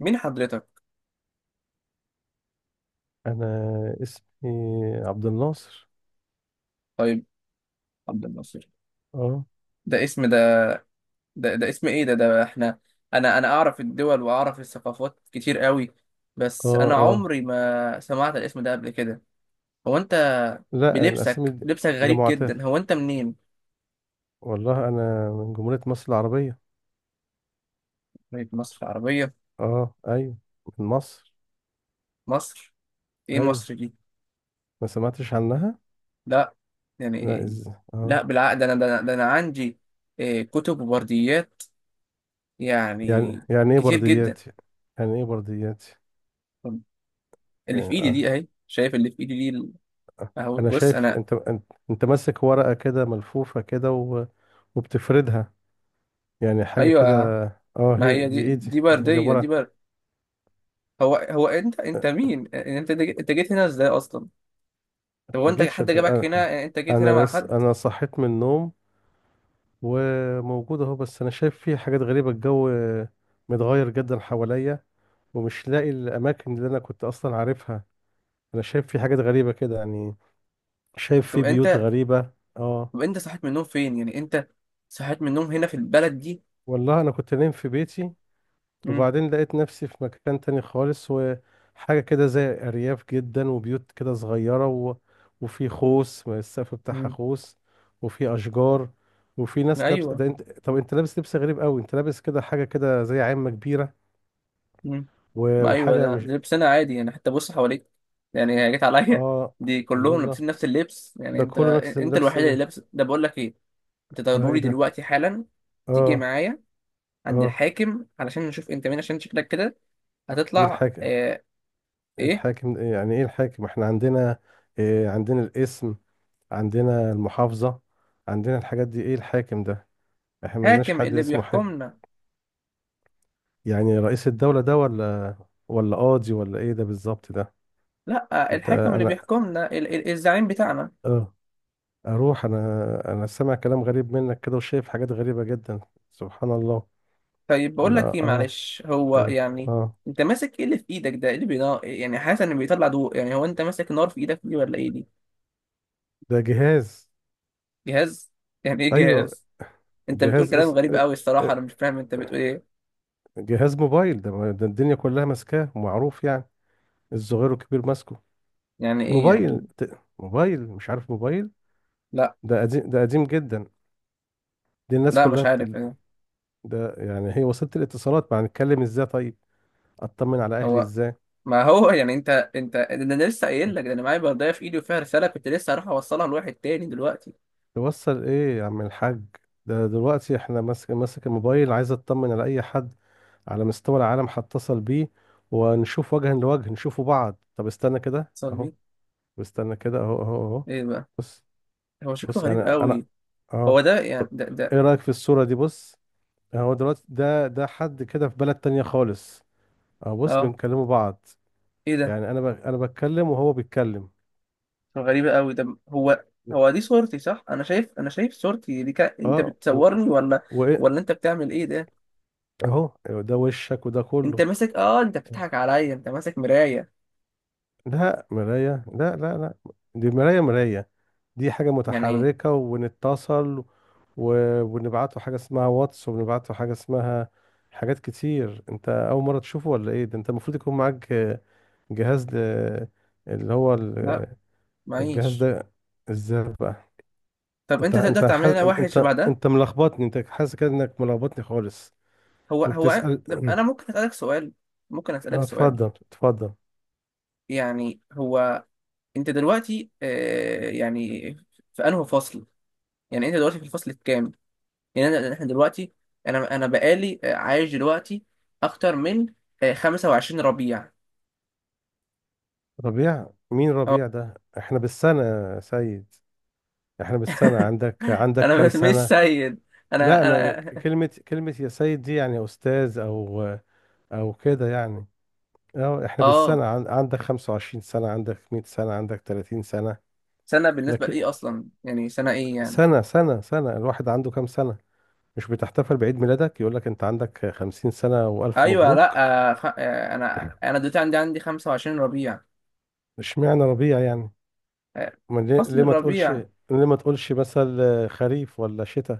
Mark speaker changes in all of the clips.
Speaker 1: مين حضرتك؟
Speaker 2: انا اسمي عبد الناصر.
Speaker 1: طيب عبد الناصر.
Speaker 2: اه
Speaker 1: ده اسم ده ده اسم ايه ده احنا. انا اعرف الدول واعرف الثقافات كتير قوي،
Speaker 2: اه
Speaker 1: بس انا
Speaker 2: اه
Speaker 1: عمري ما سمعت الاسم ده قبل كده. هو انت
Speaker 2: لا،
Speaker 1: بلبسك لبسك
Speaker 2: ده
Speaker 1: غريب
Speaker 2: معتاد.
Speaker 1: جدا. هو انت منين؟
Speaker 2: والله انا من جمهورية مصر العربية.
Speaker 1: طيب مصر العربية.
Speaker 2: اه، ايوه، من مصر.
Speaker 1: مصر، ايه
Speaker 2: ايوه،
Speaker 1: مصر دي؟
Speaker 2: ما سمعتش عنها.
Speaker 1: لا،
Speaker 2: لا
Speaker 1: يعني
Speaker 2: از
Speaker 1: لا
Speaker 2: اه
Speaker 1: بالعقد انا عندي إيه كتب وبرديات يعني
Speaker 2: يعني يعني ايه
Speaker 1: كتير جدا.
Speaker 2: بردياتي يعني يعني ايه بردياتي؟
Speaker 1: طب
Speaker 2: آه.
Speaker 1: اللي في ايدي دي
Speaker 2: آه.
Speaker 1: اهي، شايف اللي في ايدي دي اهو
Speaker 2: انا
Speaker 1: بص
Speaker 2: شايف
Speaker 1: انا.
Speaker 2: انت ماسك ورقة كده ملفوفة كده وبتفردها، يعني حاجة كده.
Speaker 1: ايوه
Speaker 2: اه،
Speaker 1: ما
Speaker 2: هي
Speaker 1: هي
Speaker 2: دي
Speaker 1: دي
Speaker 2: ايه دي
Speaker 1: دي
Speaker 2: دي, دي
Speaker 1: برديه
Speaker 2: عبارة
Speaker 1: دي
Speaker 2: عن...
Speaker 1: برد هو انت مين يعني، انت جيت هنا ازاي اصلا؟ طب هو
Speaker 2: ما
Speaker 1: انت
Speaker 2: جيتش
Speaker 1: حد
Speaker 2: أت-
Speaker 1: جابك هنا؟
Speaker 2: انا
Speaker 1: يعني انت جيت هنا مع حد؟
Speaker 2: انا صحيت من النوم وموجود اهو، بس انا شايف فيه حاجات غريبه. الجو متغير جدا حواليا ومش لاقي الاماكن اللي انا كنت اصلا عارفها. انا شايف فيه حاجات غريبه كده يعني، شايف
Speaker 1: طب
Speaker 2: فيه بيوت
Speaker 1: انت
Speaker 2: غريبه. اه.
Speaker 1: طب انت صحيت من النوم فين؟ يعني انت صحيت من النوم هنا في البلد دي؟
Speaker 2: والله انا كنت نايم في بيتي
Speaker 1: امم
Speaker 2: وبعدين لقيت نفسي في مكان تاني خالص، وحاجة كده زي أرياف جدا وبيوت كده صغيرة وفي خوص، ما السقف بتاعها
Speaker 1: امم
Speaker 2: خوص، وفي أشجار وفي ناس لابس.
Speaker 1: ايوه
Speaker 2: ده انت طب انت لابس لبس غريب قوي، انت لابس كده حاجة كده زي عامة كبيرة
Speaker 1: امم ما ايوه
Speaker 2: وحاجة
Speaker 1: ده
Speaker 2: مش...
Speaker 1: ده لبسنا عادي يعني، حتى بص حواليك، يعني هي جت عليا
Speaker 2: اه،
Speaker 1: دي
Speaker 2: الله
Speaker 1: كلهم
Speaker 2: الله،
Speaker 1: لابسين نفس اللبس يعني.
Speaker 2: ده
Speaker 1: انت
Speaker 2: كله نفس
Speaker 1: انت
Speaker 2: اللبس
Speaker 1: الوحيد اللي
Speaker 2: ده.
Speaker 1: لابس ده. بقول لك ايه، انت
Speaker 2: اه، ايه
Speaker 1: ضروري
Speaker 2: ده.
Speaker 1: دلوقتي حالا تيجي
Speaker 2: اه.
Speaker 1: معايا عند
Speaker 2: اه.
Speaker 1: الحاكم علشان نشوف انت مين، عشان شكلك كده
Speaker 2: ايه
Speaker 1: هتطلع
Speaker 2: الحاكم؟ ايه
Speaker 1: ايه.
Speaker 2: الحاكم؟ إيه يعني ايه الحاكم؟ احنا عندنا إيه؟ عندنا الاسم، عندنا المحافظة، عندنا الحاجات دي. ايه الحاكم ده؟ احنا ما لناش
Speaker 1: حاكم
Speaker 2: حد
Speaker 1: اللي
Speaker 2: اسمه حاجة.
Speaker 1: بيحكمنا،
Speaker 2: يعني رئيس الدولة ده، ولا ولا قاضي ولا ايه ده بالظبط ده؟
Speaker 1: لا
Speaker 2: انت
Speaker 1: الحاكم اللي
Speaker 2: انا
Speaker 1: بيحكمنا ال الزعيم بتاعنا.
Speaker 2: اه اروح؟ انا انا سامع كلام غريب منك كده وشايف حاجات غريبة جدا، سبحان الله.
Speaker 1: طيب بقول
Speaker 2: انا
Speaker 1: لك ايه،
Speaker 2: اه...
Speaker 1: معلش هو
Speaker 2: إيه ده؟
Speaker 1: يعني،
Speaker 2: اه،
Speaker 1: انت ماسك ايه اللي في ايدك ده؟ إيه اللي بينا يعني؟ حاسس ان بيطلع ضوء، يعني هو انت ماسك نار في ايدك دي ولا ايه دي؟
Speaker 2: ده جهاز.
Speaker 1: جهاز؟ يعني ايه
Speaker 2: ايوه،
Speaker 1: جهاز؟ انت بتقول
Speaker 2: جهاز.
Speaker 1: كلام غريب قوي الصراحة،
Speaker 2: إيه-
Speaker 1: انا مش فاهم انت بتقول ايه.
Speaker 2: جهاز موبايل ده, ما- ده الدنيا كلها ماسكاه، معروف يعني، الصغير والكبير ماسكه.
Speaker 1: يعني ايه يعني؟
Speaker 2: موبايل، مش عارف موبايل؟
Speaker 1: لا،
Speaker 2: ده قديم، ده قديم جدا. دي الناس
Speaker 1: لا
Speaker 2: كلها
Speaker 1: مش
Speaker 2: بت...
Speaker 1: عارف يعني.
Speaker 2: ده يعني هي وسيلة الاتصالات. ما هنتكلم ازاي طيب؟ اطمن على اهلي
Speaker 1: هو
Speaker 2: ازاي؟
Speaker 1: ما هو يعني انت، ده انا لسه قايل لك، ده انا معايا بردايه في ايدي وفيها رساله، كنت لسه هروح اوصلها لواحد تاني دلوقتي.
Speaker 2: توصل ايه يا عم الحاج؟ ده دلوقتي احنا ماسك الموبايل، عايز اطمن على اي حد على مستوى العالم، هتصل بيه ونشوف وجها لوجه، نشوفوا بعض. طب استنى كده
Speaker 1: اتصل
Speaker 2: اهو،
Speaker 1: بيه؟
Speaker 2: واستنى كده، اهو اهو اهو.
Speaker 1: ايه بقى؟
Speaker 2: بص.
Speaker 1: هو شكله
Speaker 2: بص
Speaker 1: غريب
Speaker 2: انا انا
Speaker 1: قوي. هو
Speaker 2: اه...
Speaker 1: ده يعني
Speaker 2: طب
Speaker 1: ده ده
Speaker 2: ايه رأيك في الصورة دي؟ بص، هو دلوقتي ده حد كده في بلد تانية خالص، اهو بص
Speaker 1: اه
Speaker 2: بنكلموا بعض.
Speaker 1: ايه ده؟
Speaker 2: يعني انا بتكلم وهو بيتكلم.
Speaker 1: غريبة قوي ده. هو هو دي صورتي صح؟ انا شايف، انا شايف صورتي دي انت
Speaker 2: اه.
Speaker 1: بتصورني ولا
Speaker 2: وايه؟
Speaker 1: ولا انت بتعمل ايه ده؟
Speaker 2: اهو ده وشك وده كله.
Speaker 1: انت ماسك، اه انت بتضحك عليا، انت ماسك مراية.
Speaker 2: لا مراية، لا، دي مراية؟ مراية؟ دي حاجة
Speaker 1: يعني ايه؟
Speaker 2: متحركة ونتصل و... ونبعته حاجة اسمها واتس، ونبعته حاجة اسمها... حاجات كتير. انت اول مرة تشوفه ولا ايه؟ ده انت المفروض يكون معاك جهاز ده، اللي هو
Speaker 1: لا
Speaker 2: ال- الجهاز
Speaker 1: معيش.
Speaker 2: ده. ازاي بقى؟
Speaker 1: طب
Speaker 2: انت
Speaker 1: انت تقدر
Speaker 2: انت
Speaker 1: تعمل
Speaker 2: حاس...
Speaker 1: لنا واحد شبه
Speaker 2: انت
Speaker 1: ده؟
Speaker 2: انت ملخبطني. انت حاسس كده انك ملخبطني خالص. وبتسأل؟
Speaker 1: انا ممكن اسالك سؤال؟ ممكن اسالك
Speaker 2: اه،
Speaker 1: سؤال،
Speaker 2: اتفضل اتفضل.
Speaker 1: يعني هو انت دلوقتي يعني في انهي فصل؟ يعني انت دلوقتي في الفصل الكام؟ احنا دلوقتي، انا بقالي عايش دلوقتي اكتر من 25 ربيع.
Speaker 2: ربيع مين
Speaker 1: اه
Speaker 2: ربيع ده؟ احنا بالسنة يا سيد، احنا بالسنة. عندك عندك
Speaker 1: انا
Speaker 2: كام
Speaker 1: مش
Speaker 2: سنة؟
Speaker 1: سيد،
Speaker 2: لا
Speaker 1: انا
Speaker 2: انا
Speaker 1: انا
Speaker 2: كلمة يا سيد دي يعني استاذ او او كده يعني. اه، احنا
Speaker 1: اه.
Speaker 2: بالسنة، عندك 25 سنة؟ عندك 100 سنة؟ عندك 30 سنة؟
Speaker 1: سنه بالنسبه
Speaker 2: لكن
Speaker 1: لايه اصلا؟ يعني سنه ايه يعني؟
Speaker 2: سنة، سنة، الواحد عنده كام سنة؟ مش بتحتفل بعيد ميلادك، يقول لك انت عندك 50 سنة والف
Speaker 1: ايوه لا
Speaker 2: مبروك؟
Speaker 1: آه، خ... آه، انا دلوقتي عندي 25 ربيع.
Speaker 2: اشمعنى ربيع يعني؟
Speaker 1: آه،
Speaker 2: ما ليه؟
Speaker 1: فصل
Speaker 2: ليه ما تقولش؟
Speaker 1: الربيع.
Speaker 2: ليه ما تقولش مثلا خريف ولا شتاء؟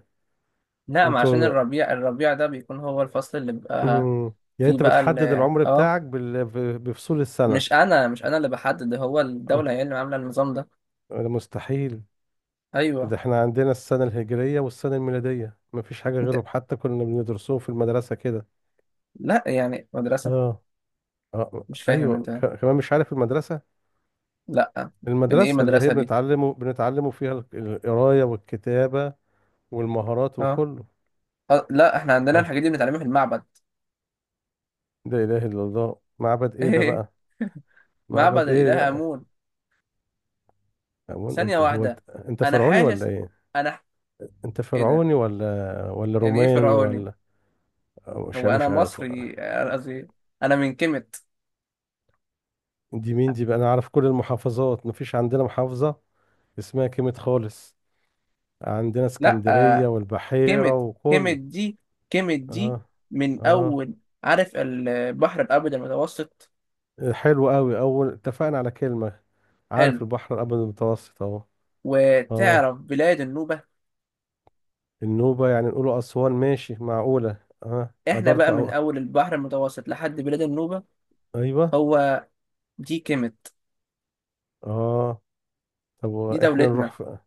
Speaker 1: لا، ما عشان
Speaker 2: انتوا...
Speaker 1: الربيع، الربيع ده بيكون هو الفصل اللي بيبقى
Speaker 2: مم. يعني
Speaker 1: فيه
Speaker 2: انت
Speaker 1: بقى
Speaker 2: بتحدد العمر
Speaker 1: اه،
Speaker 2: بتاعك بفصول السنة؟
Speaker 1: مش انا اللي بحدد، هو
Speaker 2: اه،
Speaker 1: الدوله هي اللي عامله النظام ده.
Speaker 2: ده مستحيل.
Speaker 1: ايوه
Speaker 2: ده احنا عندنا السنة الهجرية والسنة الميلادية، مفيش حاجة
Speaker 1: انت،
Speaker 2: غيرهم، حتى كنا بندرسوهم في المدرسة كده.
Speaker 1: لا يعني مدرسه؟
Speaker 2: اه. اه
Speaker 1: مش فاهم
Speaker 2: ايوه،
Speaker 1: انت،
Speaker 2: كمان مش عارف المدرسة؟
Speaker 1: لا يعني ايه
Speaker 2: المدرسة اللي هي
Speaker 1: مدرسة دي؟
Speaker 2: بنتعلمه بنتعلمه فيها القراية والكتابة والمهارات
Speaker 1: اه
Speaker 2: وكله.
Speaker 1: لا احنا عندنا
Speaker 2: اه.
Speaker 1: الحاجات دي بنتعلمها في المعبد.
Speaker 2: لا اله الا الله، معبد ايه ده بقى؟
Speaker 1: معبد
Speaker 2: معبد ايه
Speaker 1: الإله
Speaker 2: ده؟
Speaker 1: آمون.
Speaker 2: هو
Speaker 1: ثانية
Speaker 2: انت هو انت
Speaker 1: واحدة،
Speaker 2: انت
Speaker 1: انا
Speaker 2: فرعوني ولا
Speaker 1: حاسس،
Speaker 2: ايه؟
Speaker 1: انا ح-
Speaker 2: انت
Speaker 1: ايه ده؟
Speaker 2: فرعوني ولا ولا
Speaker 1: يعني ايه
Speaker 2: روماني
Speaker 1: فرعوني؟
Speaker 2: ولا... مش
Speaker 1: هو انا
Speaker 2: مش عارف.
Speaker 1: مصري، قصدي انا من كيميت.
Speaker 2: دي مين دي بقى؟ انا عارف كل المحافظات، مفيش عندنا محافظة اسمها كلمة خالص، عندنا
Speaker 1: لا
Speaker 2: اسكندرية والبحيرة
Speaker 1: كيميت كيميت
Speaker 2: وكله.
Speaker 1: دي كيميت دي
Speaker 2: اه.
Speaker 1: من
Speaker 2: اه،
Speaker 1: اول، عارف البحر الابيض المتوسط.
Speaker 2: حلو قوي، اول اتفقنا على كلمة.
Speaker 1: حلو.
Speaker 2: عارف البحر الابيض المتوسط اهو. اه،
Speaker 1: وتعرف بلاد النوبة.
Speaker 2: النوبة يعني نقوله اسوان، ماشي معقولة. اه
Speaker 1: احنا
Speaker 2: قدرت
Speaker 1: بقى من اول البحر المتوسط لحد بلاد النوبة،
Speaker 2: ايوه.
Speaker 1: هو دي كيميت،
Speaker 2: اه. طب
Speaker 1: دي دولتنا.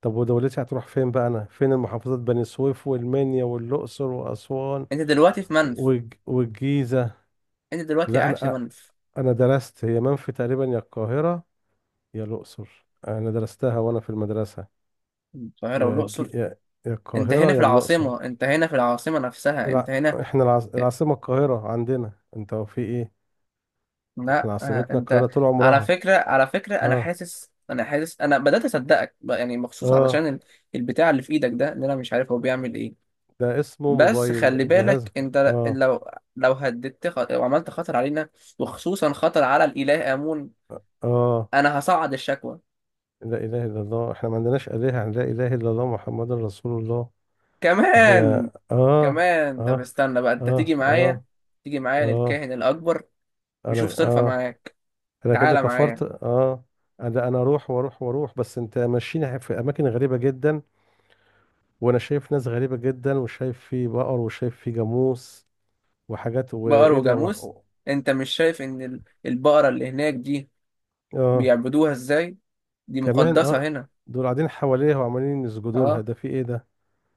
Speaker 2: طب ودولتي هتروح فين بقى؟ انا فين المحافظات؟ بني سويف والمنيا والاقصر واسوان
Speaker 1: انت دلوقتي في منف.
Speaker 2: والجيزة.
Speaker 1: انت دلوقتي
Speaker 2: لا
Speaker 1: قاعد في
Speaker 2: انا،
Speaker 1: منف،
Speaker 2: انا درست هي منفي تقريبا، يا القاهره يا الاقصر، انا درستها وانا في المدرسه.
Speaker 1: القاهرة
Speaker 2: يا
Speaker 1: والأقصر.
Speaker 2: جي... يا يا
Speaker 1: انت هنا
Speaker 2: القاهره
Speaker 1: في
Speaker 2: يا الاقصر.
Speaker 1: العاصمة، انت هنا في العاصمة نفسها. انت
Speaker 2: الع...
Speaker 1: هنا في...
Speaker 2: العاصمه القاهره عندنا. انت هو في ايه؟
Speaker 1: لا
Speaker 2: احنا عاصمتنا
Speaker 1: انت،
Speaker 2: القاهره طول
Speaker 1: على
Speaker 2: عمرها.
Speaker 1: فكرة على فكرة انا
Speaker 2: اه.
Speaker 1: حاسس، انا بدأت اصدقك بقى، يعني مخصوص
Speaker 2: اه،
Speaker 1: علشان البتاع اللي في ايدك ده اللي انا مش عارف هو بيعمل ايه.
Speaker 2: ده اسمه
Speaker 1: بس
Speaker 2: موبايل،
Speaker 1: خلي
Speaker 2: جهاز.
Speaker 1: بالك انت
Speaker 2: اه.
Speaker 1: لو، لو وعملت خطر علينا، وخصوصا خطر على الإله آمون،
Speaker 2: اه،
Speaker 1: انا هصعد الشكوى.
Speaker 2: لا اله الا الله، احنا ما عندناش الهه، لا اله الا الله محمد رسول الله. احنا
Speaker 1: كمان،
Speaker 2: اه...
Speaker 1: كمان طب
Speaker 2: اه
Speaker 1: استنى بقى، انت تيجي
Speaker 2: اه
Speaker 1: معايا،
Speaker 2: اه
Speaker 1: تيجي معايا
Speaker 2: اه.
Speaker 1: للكاهن الأكبر يشوف
Speaker 2: انا
Speaker 1: صرفة
Speaker 2: اه...
Speaker 1: معاك.
Speaker 2: انا كده
Speaker 1: تعالى
Speaker 2: كفرت.
Speaker 1: معايا.
Speaker 2: اه. انا انا اروح واروح واروح بس انت ماشيين في اماكن غريبه جدا، وانا شايف ناس غريبه جدا، وشايف في بقر وشايف في جاموس وحاجات،
Speaker 1: بقر
Speaker 2: وايه ده
Speaker 1: وجاموس، انت مش شايف ان البقرة اللي هناك دي
Speaker 2: اه.
Speaker 1: بيعبدوها ازاي؟ دي
Speaker 2: كمان؟ اه.
Speaker 1: مقدسة هنا.
Speaker 2: دول قاعدين حواليها وعمالين يسجدوا لها،
Speaker 1: اه
Speaker 2: ده في ايه ده؟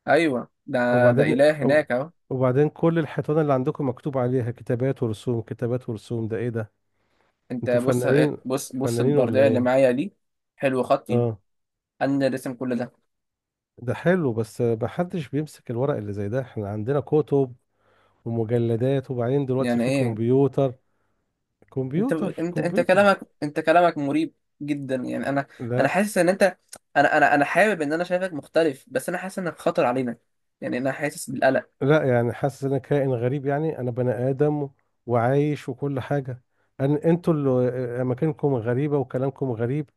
Speaker 1: ايوه ده ده
Speaker 2: وبعدين
Speaker 1: إله
Speaker 2: وب-
Speaker 1: هناك اهو.
Speaker 2: وبعدين كل الحيطان اللي عندكم مكتوب عليها كتابات ورسوم، كتابات ورسوم، ده ايه ده؟
Speaker 1: انت
Speaker 2: انتوا
Speaker 1: بص
Speaker 2: فنانين؟
Speaker 1: ايه، بص بص
Speaker 2: فنانين ولا
Speaker 1: البردية اللي
Speaker 2: ايه؟
Speaker 1: معايا دي، حلو خطي،
Speaker 2: اه.
Speaker 1: انا اللي رسم كل ده.
Speaker 2: ده حلو، بس محدش بيمسك الورق اللي زي ده، احنا عندنا كتب ومجلدات، وبعدين دلوقتي
Speaker 1: يعني
Speaker 2: في
Speaker 1: ايه؟
Speaker 2: كمبيوتر.
Speaker 1: انت
Speaker 2: كمبيوتر،
Speaker 1: انت انت
Speaker 2: كمبيوتر.
Speaker 1: كلامك، انت كلامك مريب جدا يعني. انا، انا
Speaker 2: لا،
Speaker 1: حاسس ان انت، انا حابب ان انا شايفك مختلف، بس انا حاسس انك خطر علينا، يعني انا حاسس بالقلق.
Speaker 2: لا يعني حاسس ان انا كائن غريب؟ يعني انا بني ادم وعايش وكل حاجه. انا انتوا اللي مكانكم غريبه وكلامكم غريب.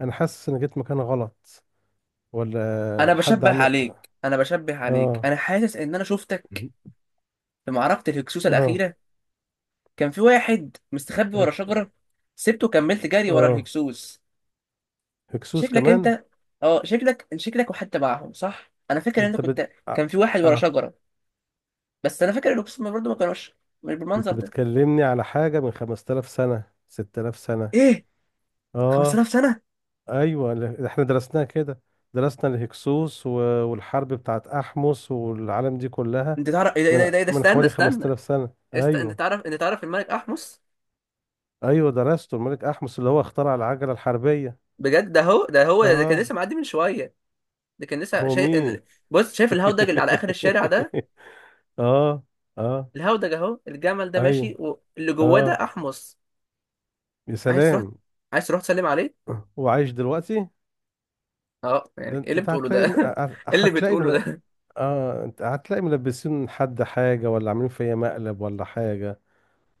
Speaker 2: انا حاسس ان جيت مكان غلط، ولا
Speaker 1: انا
Speaker 2: حد
Speaker 1: بشبه
Speaker 2: عمل...
Speaker 1: عليك انا بشبه عليك
Speaker 2: اه.
Speaker 1: انا حاسس ان انا شفتك في معركة الهكسوس
Speaker 2: اه.
Speaker 1: الأخيرة، كان في واحد مستخبي ورا
Speaker 2: هكس...
Speaker 1: شجرة، سبته وكملت جري ورا
Speaker 2: اه،
Speaker 1: الهكسوس.
Speaker 2: هكسوس
Speaker 1: شكلك
Speaker 2: كمان؟
Speaker 1: انت اه، شكلك وحدت معاهم صح. انا فاكر ان انت
Speaker 2: انت بت...
Speaker 1: كنت،
Speaker 2: آه.
Speaker 1: كان في واحد ورا
Speaker 2: آه.
Speaker 1: شجرة، بس انا فاكر الهكسوس برضه ما كانوش مش
Speaker 2: انت
Speaker 1: بالمنظر ده.
Speaker 2: بتكلمني على حاجه من 5000 سنه، 6000 سنه.
Speaker 1: ايه
Speaker 2: اه،
Speaker 1: 5000 سنة؟
Speaker 2: ايوه احنا درسناها كده، درسنا الهكسوس والحرب بتاعت احمس والعالم دي كلها.
Speaker 1: انت تعرف ايه ده؟ ايه ده ايه
Speaker 2: من
Speaker 1: ده إيه ده؟ استنى،
Speaker 2: حوالي
Speaker 1: استنى
Speaker 2: 5000 سنة،
Speaker 1: انت
Speaker 2: ايوه.
Speaker 1: تعرف انت تعرف الملك احمس؟
Speaker 2: ايوه درسته، الملك احمس اللي هو اخترع العجلة الحربية.
Speaker 1: بجد؟ ده هو كان
Speaker 2: اه.
Speaker 1: لسه معدي من شويه، ده كان لسه
Speaker 2: هو
Speaker 1: شايف،
Speaker 2: مين؟
Speaker 1: بص، شايف الهودج اللي على اخر الشارع ده؟
Speaker 2: اه. اه،
Speaker 1: الهودج اهو، الجمل ده
Speaker 2: ايوه.
Speaker 1: ماشي واللي جواه ده
Speaker 2: اه،
Speaker 1: احمس.
Speaker 2: يا
Speaker 1: عايز تروح؟
Speaker 2: سلام،
Speaker 1: تسلم عليه؟
Speaker 2: وعايش دلوقتي؟
Speaker 1: اه،
Speaker 2: ده
Speaker 1: يعني ايه اللي
Speaker 2: انت
Speaker 1: بتقوله ده؟
Speaker 2: هتلاقي،
Speaker 1: ايه اللي
Speaker 2: هتلاقي
Speaker 1: بتقوله
Speaker 2: مل...
Speaker 1: ده؟
Speaker 2: اه، انت هتلاقي ملبسين حد حاجة، ولا عاملين فيا مقلب ولا حاجة،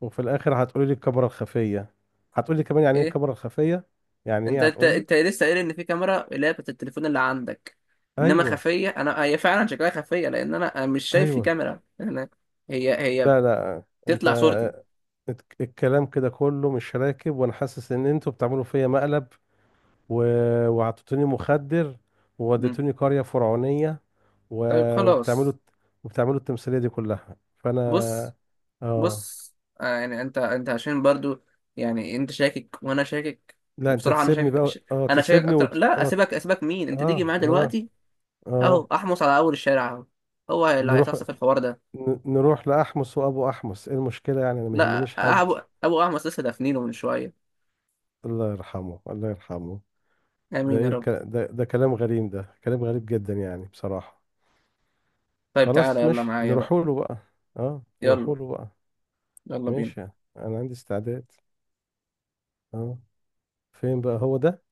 Speaker 2: وفي الاخر هتقولي لي الكاميرا الخفيه، هتقولي كمان يعني ايه
Speaker 1: ايه،
Speaker 2: الكاميرا الخفيه، يعني
Speaker 1: انت
Speaker 2: ايه
Speaker 1: انت
Speaker 2: هتقولي.
Speaker 1: انت لسه قايل ان في كاميرا اللي هي بتاعت التليفون اللي عندك، انما
Speaker 2: ايوه.
Speaker 1: خفيه، انا هي فعلا شكلها خفيه لان انا مش شايف في
Speaker 2: ايوه.
Speaker 1: كاميرا. انا، هي هي
Speaker 2: لا، لا انت،
Speaker 1: بتطلع صورتي.
Speaker 2: الكلام كده كله مش راكب، وانا حاسس ان انتوا بتعملوا فيا مقلب و... وعطيتوني مخدر ووديتوني قريه فرعونيه و...
Speaker 1: طيب
Speaker 2: وبتعملوا
Speaker 1: خلاص
Speaker 2: وبتعملوا التمثيليه دي كلها فانا.
Speaker 1: بص،
Speaker 2: اه.
Speaker 1: بص آه يعني انت عشان برضو يعني انت شاكك وانا شاكك،
Speaker 2: لا انت
Speaker 1: وبصراحة انا
Speaker 2: تسيبني بقى. اه
Speaker 1: انا شاكك
Speaker 2: تسيبني
Speaker 1: اكتر، لا
Speaker 2: اه.
Speaker 1: اسيبك، اسيبك مين، انت تيجي
Speaker 2: اه.
Speaker 1: معايا
Speaker 2: اه.
Speaker 1: دلوقتي. اهو
Speaker 2: اه
Speaker 1: احمص على اول الشارع اهو، هو اللي
Speaker 2: نروح،
Speaker 1: هيصفصف الحوار ده.
Speaker 2: نروح لأحمس وأبو أحمس، إيه المشكلة؟ يعني أنا ما
Speaker 1: لا
Speaker 2: يهمنيش حد.
Speaker 1: ابو احمص لسه دافنينه من شوية.
Speaker 2: الله يرحمه، الله يرحمه.
Speaker 1: امين يا رب.
Speaker 2: ده كلام غريب، ده كلام غريب جدا يعني بصراحة.
Speaker 1: طيب تعالى
Speaker 2: خلاص
Speaker 1: يلا
Speaker 2: ماشي،
Speaker 1: معايا بقى.
Speaker 2: نروحوا له بقى، أه
Speaker 1: يلا،
Speaker 2: نروحوا له بقى.
Speaker 1: يلا بينا.
Speaker 2: ماشي يعني، أنا عندي استعداد. أه. فين بقى هو ده؟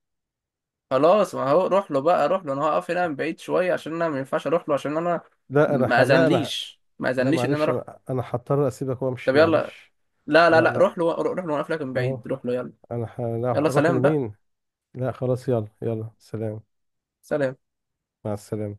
Speaker 1: خلاص ما هو روح له بقى، روح له، انا هقف هنا من بعيد شوية عشان انا ما ينفعش اروح له، عشان انا
Speaker 2: لا أنا ح... لا أنا ح-
Speaker 1: ما
Speaker 2: لا
Speaker 1: اذنليش ان انا
Speaker 2: معلش،
Speaker 1: اروح.
Speaker 2: أنا هضطر أسيبك
Speaker 1: طب
Speaker 2: وأمشي،
Speaker 1: يلا،
Speaker 2: معلش.
Speaker 1: لا لا
Speaker 2: لا
Speaker 1: لا
Speaker 2: لا.
Speaker 1: روح له، روح له وانا قافلك من بعيد،
Speaker 2: أه.
Speaker 1: روح له يلا.
Speaker 2: لا،
Speaker 1: يلا
Speaker 2: أروح
Speaker 1: سلام بقى.
Speaker 2: لمين؟ لا خلاص، يلا يلا، سلام.
Speaker 1: سلام.
Speaker 2: مع السلامة.